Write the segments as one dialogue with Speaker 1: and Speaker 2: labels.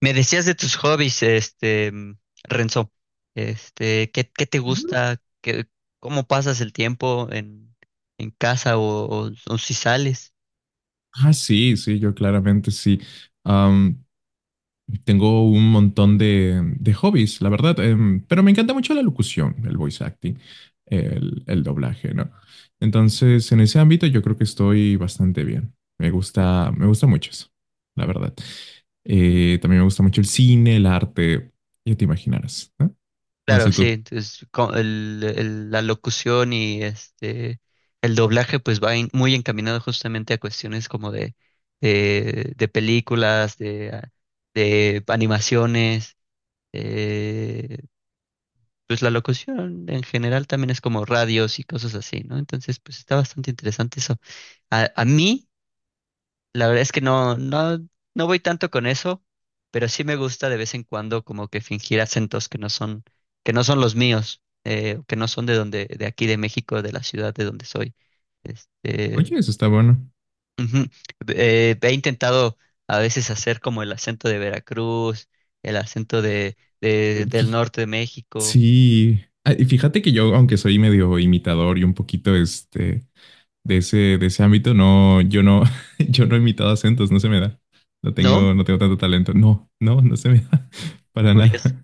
Speaker 1: Me decías de tus hobbies, Renzo, qué te
Speaker 2: Ujú.
Speaker 1: gusta? Cómo pasas el tiempo en casa o si sales?
Speaker 2: Ah, sí, sí, yo claramente sí. Am, Tengo un montón de hobbies, la verdad, pero me encanta mucho la locución, el voice acting, el doblaje, ¿no?
Speaker 1: Ujú.
Speaker 2: Entonces, en ese ámbito yo creo que estoy bastante bien. Me gusta mucho eso, la verdad. También me gusta mucho el cine, el arte, ya te imaginarás, ¿no? No sé
Speaker 1: Claro, sí,
Speaker 2: tú.
Speaker 1: entonces la locución y el doblaje pues muy encaminado justamente a cuestiones como de películas, de animaciones, eh, pues la locución en general también es como radios y cosas así, ¿no? Entonces, pues está bastante interesante eso. A mí, la verdad es que no voy tanto con eso, pero sí me gusta de vez en cuando como que fingir acentos que no son los míos, que no son de donde, de aquí de México, de la ciudad de donde soy. Este,
Speaker 2: Oye, eso está bueno.
Speaker 1: ujú. He intentado a veces hacer como el acento de Veracruz, el acento
Speaker 2: Eh,
Speaker 1: del
Speaker 2: fí-
Speaker 1: norte de México,
Speaker 2: Sí. Ah, y fíjate que yo, aunque soy medio imitador y un poquito este de ese ámbito, no, yo no, yo no he imitado acentos, no se me da. No
Speaker 1: ¿no?
Speaker 2: tengo, no tengo tanto talento. No,
Speaker 1: Ujú.
Speaker 2: se me da para nada.
Speaker 1: Curioso.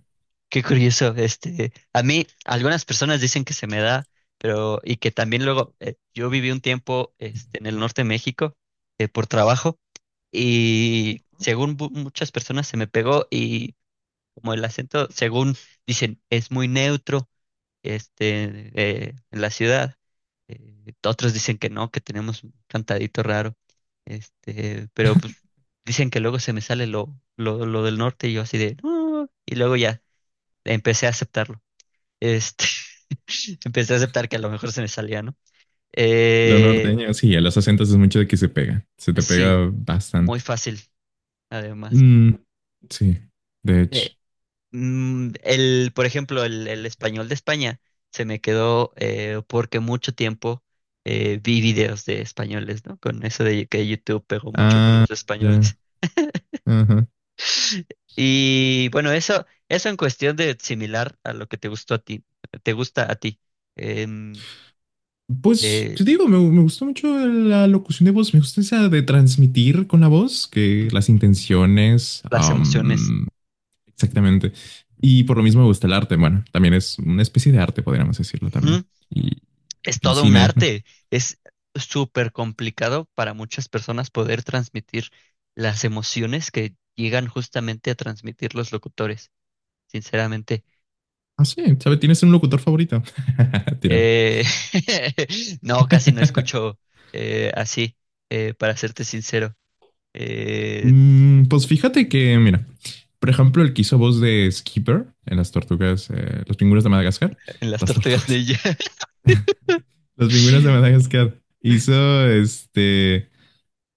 Speaker 1: Qué curioso, a mí algunas personas dicen que se me da, pero y que también luego yo viví un tiempo en el norte de México por trabajo y según muchas personas se me pegó y como el acento, según dicen, es muy neutro en la ciudad. Otros dicen que no, que tenemos un cantadito raro, pero pues dicen que luego se me sale lo del norte y yo así de, "No", y luego ya empecé a aceptarlo. Este, empecé a aceptar que a lo mejor se me salía, ¿no?
Speaker 2: Lo
Speaker 1: Eh,
Speaker 2: norteño, sí, a los acentos es mucho de que se pega. Se te
Speaker 1: sí,
Speaker 2: pega
Speaker 1: muy
Speaker 2: bastante.
Speaker 1: fácil, además.
Speaker 2: Mm, sí, de hecho.
Speaker 1: Eh, por ejemplo, el español de España se me quedó porque mucho tiempo vi videos de españoles, ¿no? Con eso de que YouTube pegó mucho con
Speaker 2: Ah,
Speaker 1: los
Speaker 2: ya.
Speaker 1: españoles.
Speaker 2: Ajá.
Speaker 1: Y bueno, eso en cuestión de similar a lo que te gustó a ti, te gusta a ti, em,
Speaker 2: Pues, te
Speaker 1: eh,
Speaker 2: digo, me gustó mucho la locución de voz. Me gusta esa de transmitir con la voz, que las intenciones.
Speaker 1: las emociones.
Speaker 2: Exactamente. Y por lo mismo me gusta el arte. Bueno, también es una especie de arte, podríamos decirlo
Speaker 1: Ujú.
Speaker 2: también. Y
Speaker 1: Es
Speaker 2: el
Speaker 1: todo un
Speaker 2: cine, ¿no?
Speaker 1: arte. Es súper complicado para muchas personas poder transmitir las emociones que llegan justamente a transmitir los locutores, sinceramente.
Speaker 2: Ah, sí, ¿sabes? ¿Tienes un locutor favorito? Tira.
Speaker 1: Eh, no, casi no escucho eh, así, para serte sincero, eh,
Speaker 2: Mm, pues fíjate que, mira, por ejemplo, el que hizo voz de Skipper en las tortugas, los pingüinos de Madagascar,
Speaker 1: en las
Speaker 2: las
Speaker 1: tortugas
Speaker 2: tortugas,
Speaker 1: ninja.
Speaker 2: los pingüinos de Madagascar, hizo este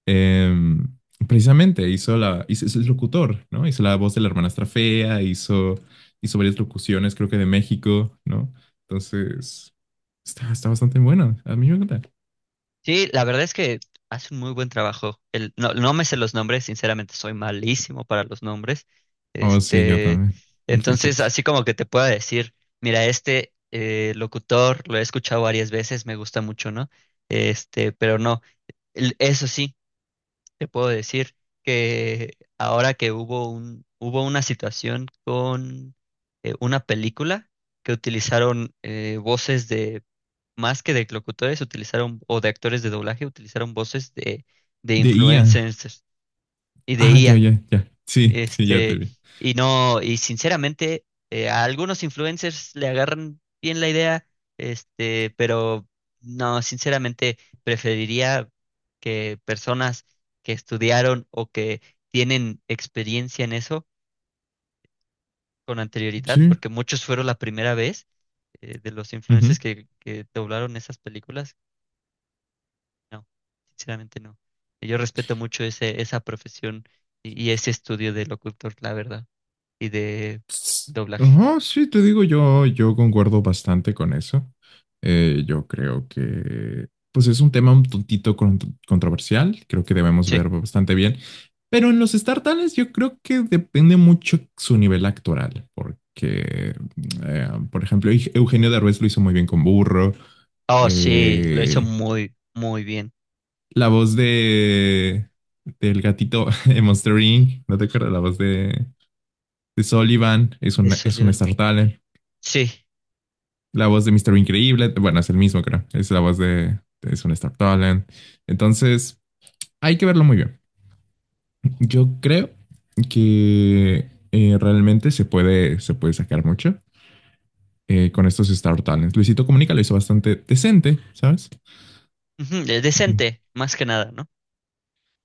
Speaker 2: Em, precisamente hizo la, hizo, es locutor, ¿no? Hizo la voz de la hermanastra fea, hizo, hizo varias locuciones, creo que de México, ¿no? Entonces, está bastante bueno. A mí me encanta.
Speaker 1: Sí, la verdad es que hace un muy buen trabajo. El, no, no me sé los nombres, sinceramente soy malísimo para los nombres.
Speaker 2: Oh, sí, yo
Speaker 1: Este,
Speaker 2: también. Y
Speaker 1: entonces,
Speaker 2: fíjate.
Speaker 1: así como que te pueda decir, mira, locutor lo he escuchado varias veces, me gusta mucho, ¿no? Este, pero no, eso sí, te puedo decir que ahora que hubo hubo una situación con una película que utilizaron voces más que de locutores, utilizaron, o de actores de doblaje, utilizaron voces de
Speaker 2: De IA.
Speaker 1: influencers y de
Speaker 2: Ah, ya,
Speaker 1: IA.
Speaker 2: ya, ya. Sí, sí, ya te
Speaker 1: Este,
Speaker 2: vi.
Speaker 1: y no, y sinceramente, a algunos influencers le agarran bien la idea, este, pero no, sinceramente, preferiría que personas que estudiaron o que tienen experiencia en eso con anterioridad,
Speaker 2: Sí.
Speaker 1: porque muchos fueron la primera vez de los influencers
Speaker 2: Ujú.
Speaker 1: que doblaron esas películas. No, sinceramente no. Yo respeto mucho esa profesión y ese estudio del locutor, la verdad, y de doblaje.
Speaker 2: Ajá, sí, te digo, yo concuerdo bastante con eso. Yo creo que, pues es un tema un controversial, creo que debemos
Speaker 1: Sí.
Speaker 2: ver bastante bien, pero en los StarTales yo creo que depende mucho su nivel actoral, porque, por ejemplo, Eugenio Derbez lo hizo muy bien con Burro.
Speaker 1: Oh, sí, lo hizo
Speaker 2: eh,
Speaker 1: muy, muy bien.
Speaker 2: la voz de, del gatito en Monster Inc., ¿no te acuerdas? La voz de Sullivan
Speaker 1: De
Speaker 2: es un
Speaker 1: Solión.
Speaker 2: Star Talent.
Speaker 1: Sí.
Speaker 2: La voz de Mr. Increíble, bueno, es el mismo, creo. Es la voz de, es un Star Talent. Entonces, hay que verlo muy bien. Yo creo que realmente se puede sacar mucho con estos Star Talents. Luisito Comunica lo hizo bastante decente, ¿sabes?
Speaker 1: Ujú, decente, más que nada, ¿no?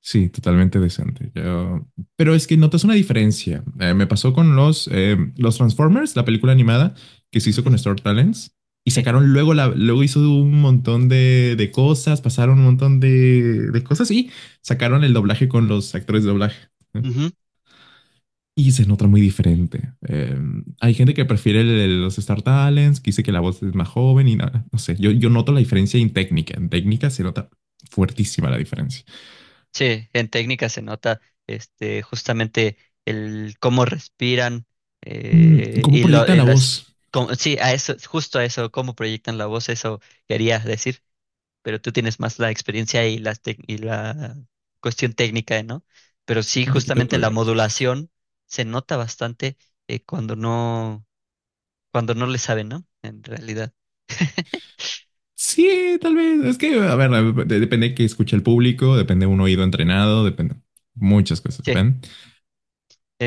Speaker 2: Sí, totalmente decente. Yo- Pero es que notas una diferencia. Me pasó con los Transformers, la película animada que se hizo
Speaker 1: Ujú,
Speaker 2: con Star Talents, y
Speaker 1: sí.
Speaker 2: sacaron luego, la, luego hizo un montón de cosas, pasaron un montón de cosas y sacaron el doblaje con los actores de doblaje, ¿eh?
Speaker 1: Ujú,
Speaker 2: Y se nota muy diferente. Hay gente que prefiere los Star Talents, que dice que la voz es más joven y nada. No sé, yo noto la diferencia en técnica. En técnica se nota fuertísima la diferencia.
Speaker 1: sí, en técnica se nota justamente el cómo respiran
Speaker 2: Mm, ¿cómo proyectan
Speaker 1: y
Speaker 2: la
Speaker 1: las...
Speaker 2: voz?
Speaker 1: sí, a eso, justo a eso, cómo proyectan la voz, eso quería decir. Pero tú tienes más la experiencia y, y la cuestión técnica, ¿no? Pero sí,
Speaker 2: Un poquito
Speaker 1: justamente la
Speaker 2: autobiónica.
Speaker 1: modulación se nota bastante eh, cuando no, cuando no le saben, ¿no? En realidad.
Speaker 2: Sí, tal vez. Es que, a ver, depende que escuche el público, depende de un oído entrenado, depende. Muchas cosas
Speaker 1: Sí,
Speaker 2: dependen.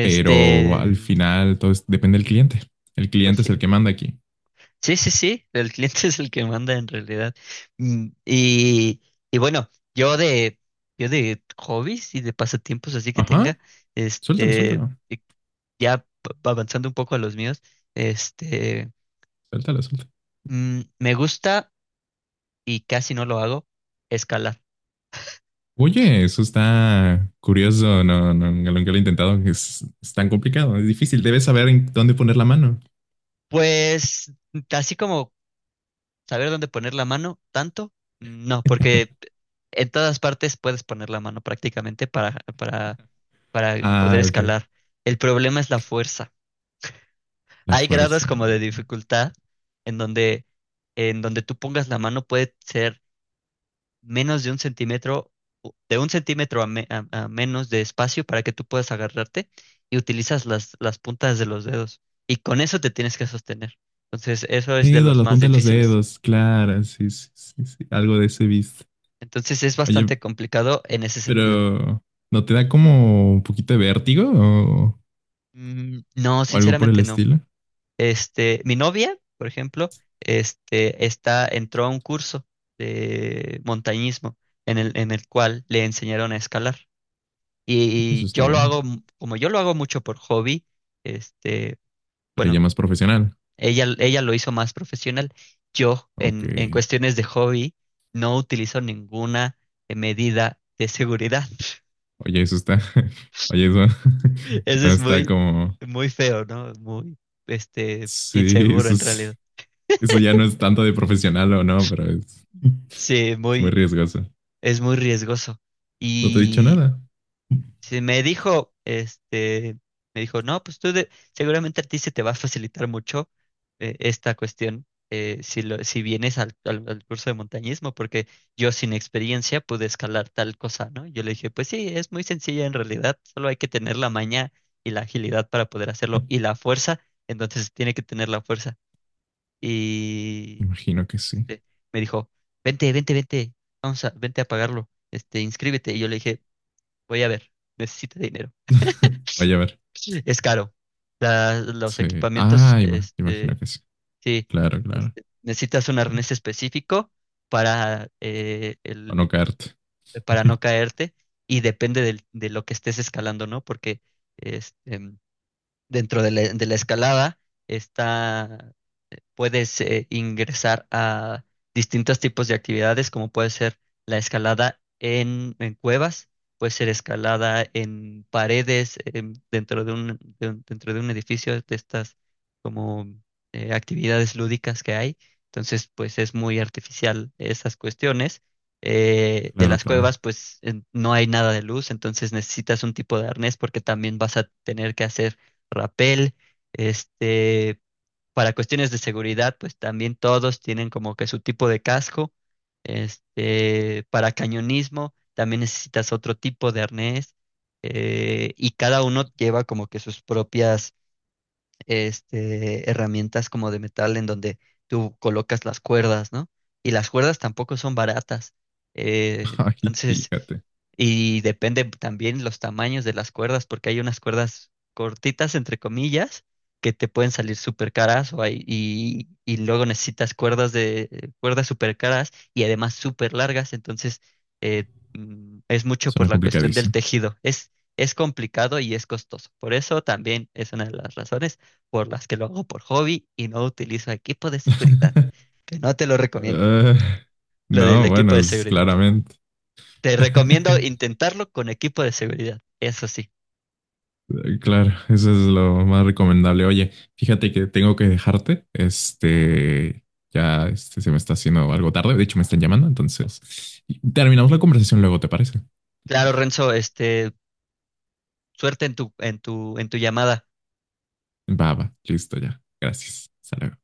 Speaker 2: Pero al final todo depende del cliente. El
Speaker 1: pues
Speaker 2: cliente es
Speaker 1: sí.
Speaker 2: el que manda aquí.
Speaker 1: Sí, sí, sí, el cliente es el que manda en realidad. Mm, y bueno, yo de, yo de hobbies y de pasatiempos así que
Speaker 2: Ajá.
Speaker 1: tenga,
Speaker 2: Suéltalo,
Speaker 1: este,
Speaker 2: suéltalo.
Speaker 1: y ya avanzando un poco a los míos, este,
Speaker 2: Suéltalo, suéltalo.
Speaker 1: me gusta y casi no lo hago, escalar.
Speaker 2: Oye, eso está curioso. No, no, nunca lo he intentado. Es tan complicado. Es difícil. Debes saber en dónde poner la mano.
Speaker 1: Pues así como saber dónde poner la mano, tanto, no, porque en todas partes puedes poner la mano prácticamente para poder
Speaker 2: Ah, ok.
Speaker 1: escalar. El problema es la fuerza.
Speaker 2: La
Speaker 1: Hay grados
Speaker 2: fuerza.
Speaker 1: como de dificultad en donde, en donde tú pongas la mano puede ser menos de un centímetro a menos de espacio para que tú puedas agarrarte y utilizas las puntas de los dedos. Y con eso te tienes que sostener. Entonces, eso es de
Speaker 2: Dedos,
Speaker 1: los
Speaker 2: la
Speaker 1: más
Speaker 2: punta de los
Speaker 1: difíciles.
Speaker 2: dedos. Claro, sí, sí, sí, sí. Algo de ese viste.
Speaker 1: Entonces, es
Speaker 2: Oye,
Speaker 1: bastante complicado en ese sentido.
Speaker 2: pero ¿no te da como un poquito de vértigo
Speaker 1: Mm, no,
Speaker 2: o algo por el
Speaker 1: sinceramente no.
Speaker 2: estilo?
Speaker 1: Este, mi novia, por ejemplo, entró a un curso de montañismo en el cual le enseñaron a escalar.
Speaker 2: Oye, eso
Speaker 1: Y
Speaker 2: está
Speaker 1: yo lo
Speaker 2: bueno.
Speaker 1: hago, como yo lo hago mucho por hobby, este,
Speaker 2: Pero
Speaker 1: bueno,
Speaker 2: ya más profesional.
Speaker 1: ella lo hizo más profesional.
Speaker 2: Ok.
Speaker 1: En cuestiones de hobby, no utilizo ninguna medida de seguridad.
Speaker 2: Oye, eso está. Oye, eso
Speaker 1: Eso
Speaker 2: no
Speaker 1: es
Speaker 2: está
Speaker 1: muy,
Speaker 2: como.
Speaker 1: muy feo, ¿no? Muy, este,
Speaker 2: Sí,
Speaker 1: inseguro
Speaker 2: eso
Speaker 1: en realidad.
Speaker 2: es- eso ya no es tanto de profesional o no, pero es,
Speaker 1: Sí,
Speaker 2: es muy
Speaker 1: muy,
Speaker 2: riesgoso.
Speaker 1: es muy riesgoso.
Speaker 2: No te he dicho
Speaker 1: Y
Speaker 2: nada.
Speaker 1: si me dijo, este, me dijo, no, pues tú seguramente a ti se te va a facilitar mucho esta cuestión si vienes al curso de montañismo, porque yo sin experiencia pude escalar tal cosa, ¿no? Yo le dije, pues sí, es muy sencilla en realidad, solo hay que tener la maña y la agilidad para poder hacerlo y la fuerza, entonces tiene que tener la fuerza. Y
Speaker 2: Imagino que sí.
Speaker 1: este, me dijo, vente, vamos a, vente a pagarlo, este, inscríbete. Y yo le dije, voy a ver, necesito dinero.
Speaker 2: Vaya a ver.
Speaker 1: Es caro. Los
Speaker 2: Sí.
Speaker 1: equipamientos,
Speaker 2: Ah, ima-
Speaker 1: este,
Speaker 2: imagino que sí.
Speaker 1: sí,
Speaker 2: Claro, claro.
Speaker 1: este, necesitas un arnés específico para,
Speaker 2: Para no caerte.
Speaker 1: para no caerte y depende de lo que estés escalando, ¿no? Porque este, dentro de de la escalada está puedes ingresar a distintos tipos de actividades, como puede ser la escalada en cuevas, puede ser escalada en paredes dentro de dentro de un edificio de estas como actividades lúdicas que hay. Entonces, pues es muy artificial esas cuestiones. De
Speaker 2: Claro,
Speaker 1: las
Speaker 2: claro.
Speaker 1: cuevas, pues no hay nada de luz, entonces necesitas un tipo de arnés porque también vas a tener que hacer rapel, este, para cuestiones de seguridad, pues también todos tienen como que su tipo de casco. Este, para cañonismo, también necesitas otro tipo de arnés. Y cada uno lleva como que sus propias este, herramientas como de metal en donde tú colocas las cuerdas, ¿no? Y las cuerdas tampoco son baratas.
Speaker 2: Ay,
Speaker 1: Entonces,
Speaker 2: fíjate.
Speaker 1: y depende también los tamaños de las cuerdas, porque hay unas cuerdas cortitas, entre comillas, que te pueden salir súper caras o y luego necesitas cuerdas de cuerdas súper caras y además súper largas, entonces eh, es mucho por
Speaker 2: Suena
Speaker 1: la cuestión del
Speaker 2: complicadísimo.
Speaker 1: tejido. Es complicado y es costoso. Por eso también es una de las razones por las que lo hago por hobby y no utilizo equipo de seguridad, que no te lo recomiendo,
Speaker 2: Eh,
Speaker 1: lo del
Speaker 2: no,
Speaker 1: equipo
Speaker 2: bueno,
Speaker 1: de
Speaker 2: es
Speaker 1: seguridad.
Speaker 2: claramente.
Speaker 1: Te recomiendo intentarlo con equipo de seguridad, eso sí.
Speaker 2: Claro, eso es lo más recomendable. Oye, fíjate que tengo que dejarte. Este, ya este, se me está haciendo algo tarde. De hecho, me están llamando. Entonces, terminamos la conversación luego, ¿te parece?
Speaker 1: Claro, Renzo, este, suerte en tu, en tu, en tu llamada.
Speaker 2: Va, va, listo ya. Gracias. Hasta luego.